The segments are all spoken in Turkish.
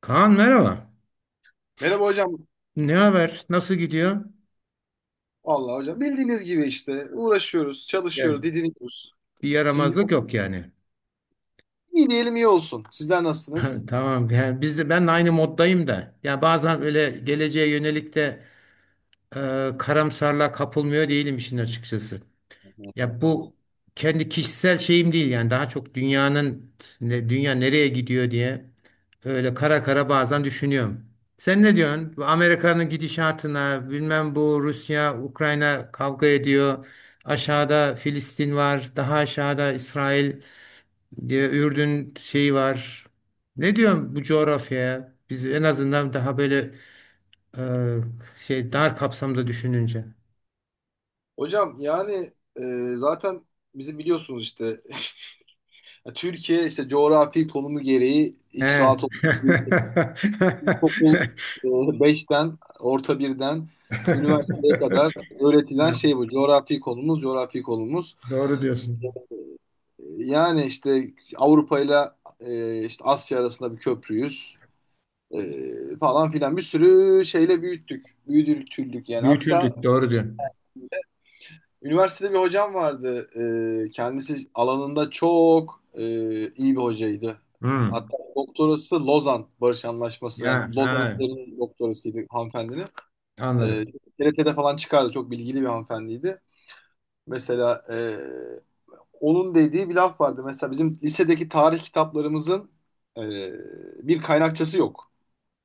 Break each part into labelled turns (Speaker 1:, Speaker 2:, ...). Speaker 1: Kaan merhaba.
Speaker 2: Merhaba hocam.
Speaker 1: Ne haber? Nasıl gidiyor?
Speaker 2: Vallahi hocam bildiğiniz gibi işte uğraşıyoruz,
Speaker 1: Ya,
Speaker 2: çalışıyoruz, didiniyoruz.
Speaker 1: bir
Speaker 2: Siz
Speaker 1: yaramazlık yok yani.
Speaker 2: iyi diyelim iyi olsun. Sizler nasılsınız?
Speaker 1: Tamam. Yani biz de ben de aynı moddayım da. Ya bazen öyle geleceğe yönelik de e, karamsarlığa kapılmıyor değilim işin açıkçası. Ya bu kendi kişisel şeyim değil yani daha çok dünyanın dünya nereye gidiyor diye öyle kara kara bazen düşünüyorum. Sen ne diyorsun? Bu Amerika'nın gidişatına, bilmem bu Rusya, Ukrayna kavga ediyor. Aşağıda Filistin var, daha aşağıda İsrail diye Ürdün şeyi var. Ne diyorsun bu coğrafyaya? Biz en azından daha böyle e, şey dar kapsamda düşününce.
Speaker 2: Hocam yani zaten bizi biliyorsunuz işte ya Türkiye işte coğrafi konumu gereği hiç
Speaker 1: He.
Speaker 2: rahat olmayan okul 5'ten orta birden işte üniversiteye kadar öğretilen
Speaker 1: Evet,
Speaker 2: şey bu coğrafi konumuz.
Speaker 1: doğru diyorsun.
Speaker 2: Yani işte Avrupa ile işte Asya arasında bir köprüyüz. Falan filan bir sürü şeyle büyüttük. Büyütüldük yani. Hatta
Speaker 1: Büyütüldük, doğru diyorsun.
Speaker 2: üniversitede bir hocam vardı. Kendisi alanında çok iyi bir hocaydı.
Speaker 1: Hmm.
Speaker 2: Hatta doktorası Lozan Barış Anlaşması,
Speaker 1: Ya,
Speaker 2: yani Lozan
Speaker 1: ha,
Speaker 2: üzerine doktorasıydı hanımefendinin. Ee,
Speaker 1: anladım.
Speaker 2: TRT'de falan çıkardı. Çok bilgili bir hanımefendiydi. Mesela onun dediği bir laf vardı. Mesela bizim lisedeki tarih kitaplarımızın e, bir kaynakçası yok.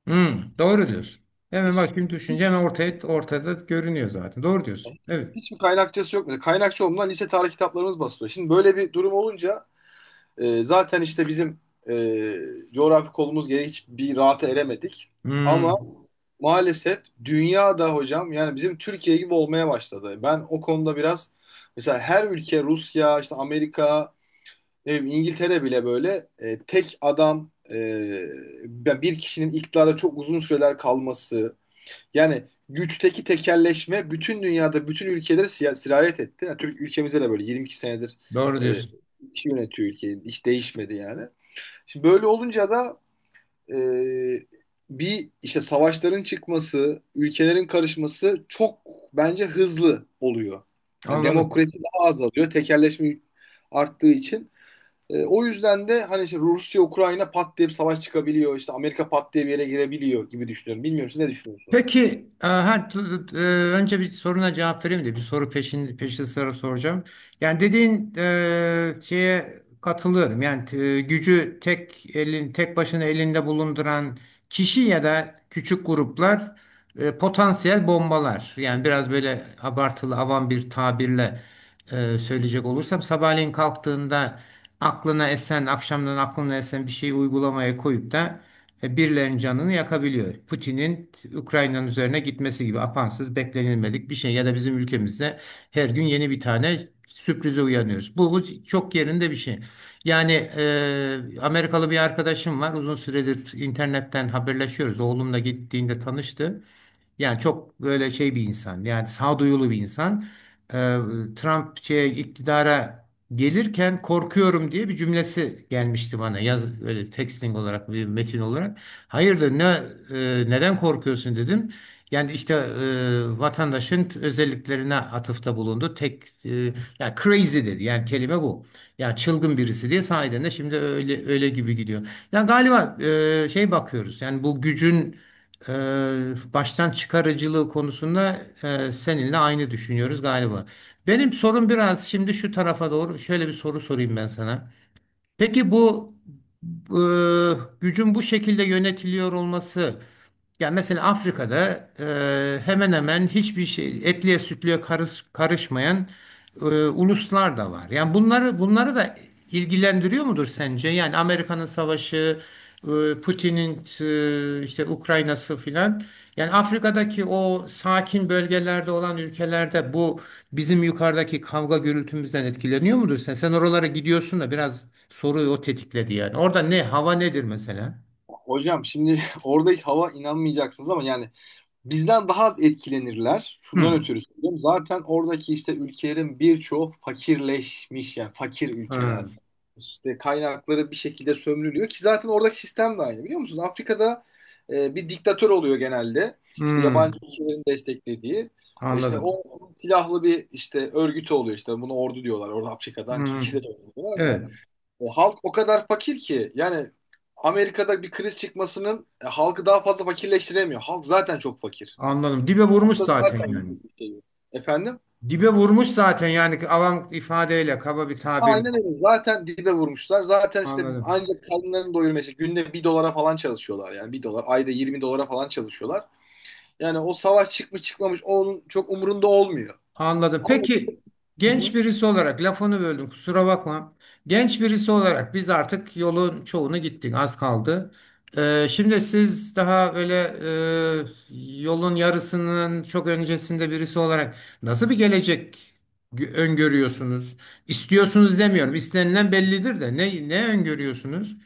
Speaker 1: Hmm, doğru diyorsun. Hemen bak
Speaker 2: Hiç
Speaker 1: şimdi düşünce hemen ortada görünüyor zaten. Doğru diyorsun. Evet.
Speaker 2: Hiçbir kaynakçası yok. Mesela kaynakçı olmadan lise tarih kitaplarımız basılıyor. Şimdi böyle bir durum olunca zaten işte bizim e, coğrafi kolumuz gereği hiçbir rahata eremedik. Ama
Speaker 1: Hmm,
Speaker 2: maalesef dünyada hocam yani bizim Türkiye gibi olmaya başladı. Ben o konuda biraz mesela her ülke Rusya, işte Amerika, ne bileyim İngiltere bile böyle tek adam, bir kişinin iktidarda çok uzun süreler kalması, yani güçteki tekelleşme bütün dünyada, bütün ülkelere sirayet etti. Yani Türk ülkemize de böyle 22 senedir
Speaker 1: doğru
Speaker 2: e,
Speaker 1: diyorsun.
Speaker 2: kişi yönetiyor ülkeyi. Hiç değişmedi yani. Şimdi böyle olunca da e, bir işte savaşların çıkması, ülkelerin karışması çok bence hızlı oluyor. Yani
Speaker 1: Anladım.
Speaker 2: demokrasi daha azalıyor. Tekelleşme arttığı için. E, o yüzden de hani işte Rusya, Ukrayna pat diye bir savaş çıkabiliyor. İşte Amerika pat diye bir yere girebiliyor gibi düşünüyorum. Bilmiyorum siz ne düşünüyorsunuz?
Speaker 1: Peki, önce bir soruna cevap vereyim de bir soru peşin peşi sıra soracağım. Yani dediğin şeye katılıyorum. Yani gücü tek elin tek başına elinde bulunduran kişi ya da küçük gruplar potansiyel bombalar. Yani biraz böyle abartılı avam bir tabirle söyleyecek olursam sabahleyin kalktığında aklına esen akşamdan aklına esen bir şeyi uygulamaya koyup da birilerinin canını yakabiliyor. Putin'in Ukrayna'nın üzerine gitmesi gibi apansız beklenilmedik bir şey ya da bizim ülkemizde her gün yeni bir tane sürprize uyanıyoruz. Bu çok yerinde bir şey. Yani Amerikalı bir arkadaşım var. Uzun süredir internetten haberleşiyoruz. Oğlumla gittiğinde tanıştı. Yani çok böyle şey bir insan. Yani sağduyulu bir insan e, Trump şeye, iktidara gelirken korkuyorum diye bir cümlesi gelmişti bana. Yaz öyle texting olarak bir metin olarak. Hayırdır neden korkuyorsun dedim. Yani işte vatandaşın özelliklerine atıfta bulundu. Ya crazy dedi. Yani kelime bu. Ya çılgın birisi diye sahiden de şimdi öyle öyle gibi gidiyor. Ya galiba şey bakıyoruz. Yani bu gücün e, baştan çıkarıcılığı konusunda seninle aynı düşünüyoruz galiba. Benim sorum biraz şimdi şu tarafa doğru şöyle bir soru sorayım ben sana. Peki bu e, gücün bu şekilde yönetiliyor olması, yani mesela Afrika'da hemen hemen hiçbir şey etliye sütlüye karışmayan uluslar da var. Yani bunları da ilgilendiriyor mudur sence? Yani Amerika'nın savaşı, Putin'in işte Ukrayna'sı filan. Yani Afrika'daki o sakin bölgelerde olan ülkelerde bu bizim yukarıdaki kavga gürültümüzden etkileniyor mudur sen? Sen oralara gidiyorsun da biraz soruyu o tetikledi yani. Orada ne hava nedir mesela?
Speaker 2: Hocam şimdi oradaki hava inanmayacaksınız ama yani bizden daha az etkilenirler. Şundan
Speaker 1: Hmm.
Speaker 2: ötürü söylüyorum. Zaten oradaki işte ülkelerin birçoğu fakirleşmiş, yani fakir ülkeler.
Speaker 1: Ha.
Speaker 2: İşte kaynakları bir şekilde sömürülüyor ki zaten oradaki sistem de aynı, biliyor musunuz? Afrika'da bir diktatör oluyor genelde. İşte
Speaker 1: Hmm.
Speaker 2: yabancı ülkelerin desteklediği. İşte
Speaker 1: Anladım.
Speaker 2: o silahlı bir işte örgütü oluyor, işte bunu ordu diyorlar. Orada Afrika'dan
Speaker 1: Hmm.
Speaker 2: Türkiye'de de ordu diyorlar da.
Speaker 1: Evet,
Speaker 2: Halk o kadar fakir ki yani Amerika'da bir kriz çıkmasının halkı daha fazla fakirleştiremiyor. Halk zaten çok fakir.
Speaker 1: anladım. Dibe vurmuş
Speaker 2: Aslında
Speaker 1: zaten
Speaker 2: zaten
Speaker 1: yani.
Speaker 2: yüzlük bir şey yok. Efendim?
Speaker 1: Dibe vurmuş zaten yani avam ifadeyle, kaba bir tabirle.
Speaker 2: Aynen öyle. Zaten dibe vurmuşlar. Zaten işte
Speaker 1: Anladım.
Speaker 2: ancak karınlarını doyurmaya işte günde bir dolara falan çalışıyorlar. Yani bir dolar, ayda 20 dolara falan çalışıyorlar. Yani o savaş çıkmış çıkmamış onun çok umurunda olmuyor.
Speaker 1: Anladım.
Speaker 2: Ama
Speaker 1: Peki genç birisi olarak lafını böldüm kusura bakma. Genç birisi olarak biz artık yolun çoğunu gittik az kaldı. Şimdi siz daha böyle yolun yarısının çok öncesinde birisi olarak nasıl bir gelecek öngörüyorsunuz? İstiyorsunuz demiyorum. İstenilen bellidir de ne öngörüyorsunuz?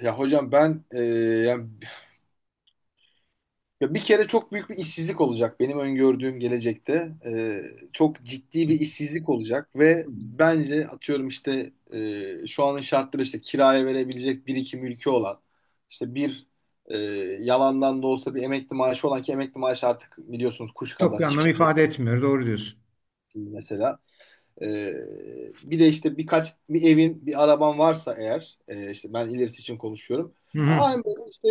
Speaker 2: ya hocam ben yani ya bir kere çok büyük bir işsizlik olacak benim öngördüğüm gelecekte. Çok ciddi bir işsizlik olacak ve bence atıyorum işte şu anın şartları işte kiraya verebilecek bir iki mülkü olan, işte bir e, yalandan da olsa bir emekli maaşı olan, ki emekli maaşı artık biliyorsunuz kuş
Speaker 1: Çok
Speaker 2: kadar
Speaker 1: bir anlam
Speaker 2: hiçbir şey
Speaker 1: ifade etmiyor. Doğru diyorsun.
Speaker 2: değil mesela. Ee, Bir de işte birkaç bir evin bir araban varsa eğer, işte ben ilerisi için konuşuyorum.
Speaker 1: Hı hı.
Speaker 2: Aynı böyle işte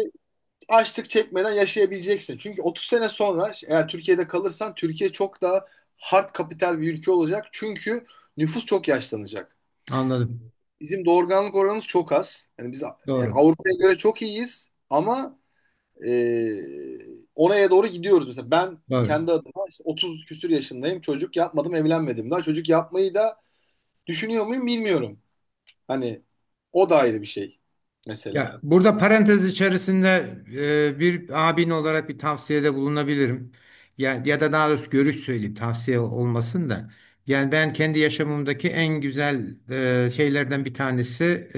Speaker 2: açlık çekmeden yaşayabileceksin. Çünkü 30 sene sonra eğer Türkiye'de kalırsan Türkiye çok daha hard kapital bir ülke olacak. Çünkü nüfus çok yaşlanacak.
Speaker 1: Anladım.
Speaker 2: Bizim doğurganlık oranımız çok az. Yani biz yani
Speaker 1: Doğru.
Speaker 2: Avrupa'ya göre çok iyiyiz ama e, oraya doğru gidiyoruz. Mesela ben
Speaker 1: Doğru.
Speaker 2: kendi adıma işte 30 küsür yaşındayım. Çocuk yapmadım, evlenmedim daha. Çocuk yapmayı da düşünüyor muyum bilmiyorum. Hani o da ayrı bir şey mesela.
Speaker 1: Ya burada parantez içerisinde bir abin olarak bir tavsiyede bulunabilirim. Ya, ya da daha doğrusu görüş söyleyeyim tavsiye olmasın da. Yani ben kendi yaşamımdaki en güzel şeylerden bir tanesi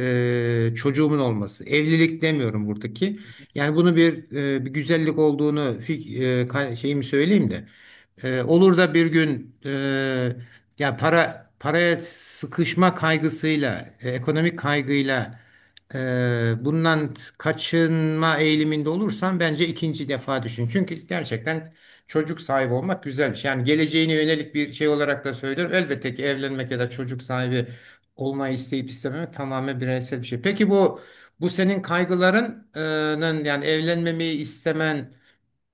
Speaker 1: çocuğumun olması. Evlilik demiyorum buradaki. Yani bunu bir güzellik olduğunu şeyimi söyleyeyim de. Olur da bir gün ya para paraya sıkışma kaygısıyla, ekonomik kaygıyla bundan kaçınma eğiliminde olursan bence ikinci defa düşün. Çünkü gerçekten çocuk sahibi olmak güzel bir şey. Yani geleceğine yönelik bir şey olarak da söylüyorum. Elbette ki evlenmek ya da çocuk sahibi olmayı isteyip istememek tamamen bireysel bir şey. Peki bu senin kaygılarının yani evlenmemeyi istemen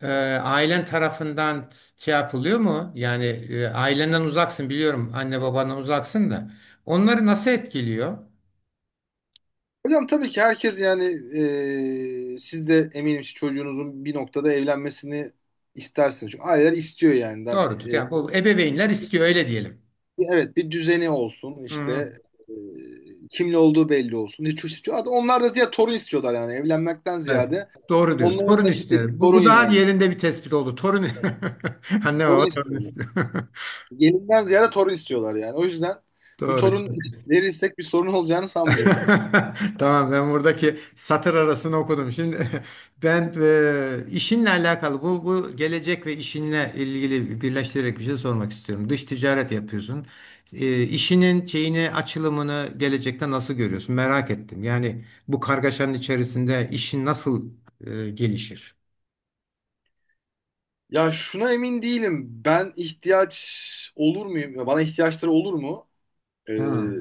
Speaker 1: e, ailen tarafından şey yapılıyor mu? Yani ailenden uzaksın biliyorum. Anne babandan uzaksın da. Onları nasıl etkiliyor?
Speaker 2: Hocam tabii ki herkes yani siz de eminim ki çocuğunuzun bir noktada evlenmesini istersiniz. Çünkü aileler istiyor yani. Da,
Speaker 1: Doğrudur.
Speaker 2: e,
Speaker 1: Yani bu ebeveynler istiyor öyle diyelim.
Speaker 2: evet, bir düzeni olsun
Speaker 1: Hı, hı.
Speaker 2: işte, kimle olduğu belli olsun. Hatta onlar da ziyade torun istiyorlar yani, evlenmekten
Speaker 1: Evet.
Speaker 2: ziyade.
Speaker 1: Doğru diyorsun.
Speaker 2: Onların
Speaker 1: Torun
Speaker 2: da istediği
Speaker 1: istiyor. Bu,
Speaker 2: torun
Speaker 1: bu daha
Speaker 2: yani.
Speaker 1: yerinde bir tespit oldu. Torun. Anne baba
Speaker 2: Torun
Speaker 1: torun
Speaker 2: istiyorlar.
Speaker 1: istiyor.
Speaker 2: Gelinden ziyade torun istiyorlar yani. O yüzden bir
Speaker 1: Doğru.
Speaker 2: torun verirsek bir sorun olacağını sanmıyorum.
Speaker 1: Tamam ben buradaki satır arasını okudum. Şimdi ben işinle alakalı bu gelecek ve işinle ilgili birleştirerek bir şey sormak istiyorum. Dış ticaret yapıyorsun. E, işinin şeyini açılımını gelecekte nasıl görüyorsun? Merak ettim. Yani bu kargaşanın içerisinde işin nasıl gelişir?
Speaker 2: Ya şuna emin değilim. Ben ihtiyaç olur muyum? Ya bana ihtiyaçları olur mu? Ee,
Speaker 1: Ha.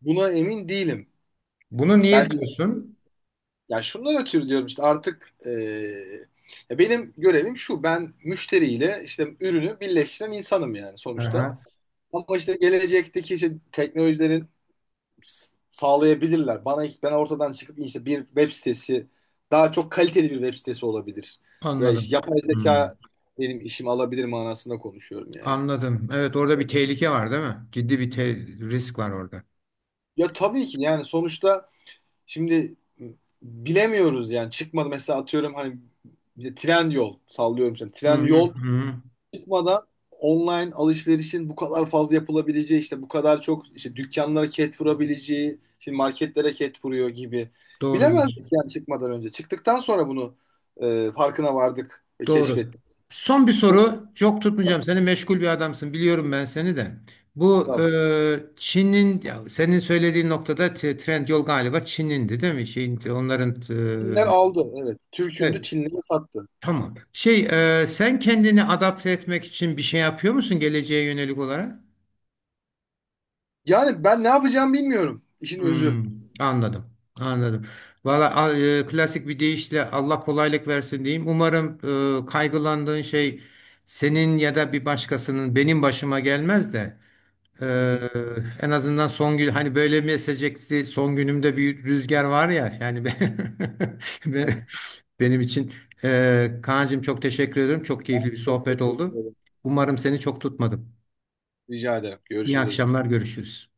Speaker 2: Buna emin değilim.
Speaker 1: Bunu niye
Speaker 2: Belki,
Speaker 1: diyorsun?
Speaker 2: ya şundan ötürü diyorum işte artık ya benim görevim şu, ben müşteriyle işte ürünü birleştiren insanım yani sonuçta.
Speaker 1: Aha.
Speaker 2: Ama işte gelecekteki işte teknolojilerin sağlayabilirler. Bana, ben ortadan çıkıp işte bir web sitesi, daha çok kaliteli bir web sitesi olabilir. Ve işte
Speaker 1: Anladım.
Speaker 2: yapay
Speaker 1: Hmm,
Speaker 2: zeka benim işimi alabilir manasında konuşuyorum yani.
Speaker 1: anladım. Evet orada bir tehlike var değil mi? Ciddi bir risk var orada.
Speaker 2: Ya tabii ki yani sonuçta. Şimdi bilemiyoruz yani, çıkmadı mesela atıyorum hani bize tren yol sallıyorum şimdi,
Speaker 1: Hı
Speaker 2: tren
Speaker 1: hı,
Speaker 2: yol
Speaker 1: hı.
Speaker 2: çıkmadan online alışverişin bu kadar fazla yapılabileceği, işte bu kadar çok işte dükkanlara ket vurabileceği, şimdi marketlere ket vuruyor gibi
Speaker 1: Doğru
Speaker 2: bilemezdik
Speaker 1: diyorsun.
Speaker 2: yani çıkmadan önce, çıktıktan sonra bunu farkına vardık ve
Speaker 1: Doğru.
Speaker 2: keşfettik.
Speaker 1: Son bir
Speaker 2: Bu
Speaker 1: soru. Çok tutmayacağım. Seni meşgul bir adamsın. Biliyorum ben seni de. Bu
Speaker 2: kitabı.
Speaker 1: Çin'in ya senin söylediğin noktada trend yol galiba Çin'indi değil mi? Şeyin, onların
Speaker 2: Çinler
Speaker 1: e,
Speaker 2: aldı, evet, Türk'ündü
Speaker 1: evet.
Speaker 2: Çinlere sattı.
Speaker 1: Tamam. Şey sen kendini adapte etmek için bir şey yapıyor musun geleceğe yönelik olarak?
Speaker 2: Yani ben ne yapacağımı bilmiyorum, işin özü.
Speaker 1: Hmm, anladım. Anladım. Valla klasik bir deyişle Allah kolaylık versin diyeyim. Umarım kaygılandığın şey senin ya da bir başkasının benim başıma gelmez de e,
Speaker 2: Hı hı.
Speaker 1: en azından son gün hani böyle mi esecekti son günümde bir rüzgar var ya yani ben,
Speaker 2: Evet,
Speaker 1: ben- benim için Kaan'cığım çok teşekkür ederim. Çok keyifli bir
Speaker 2: çok
Speaker 1: sohbet
Speaker 2: teşekkür
Speaker 1: oldu.
Speaker 2: ederim.
Speaker 1: Umarım seni çok tutmadım.
Speaker 2: Rica ederim.
Speaker 1: İyi
Speaker 2: Görüşürüz hocam.
Speaker 1: akşamlar görüşürüz.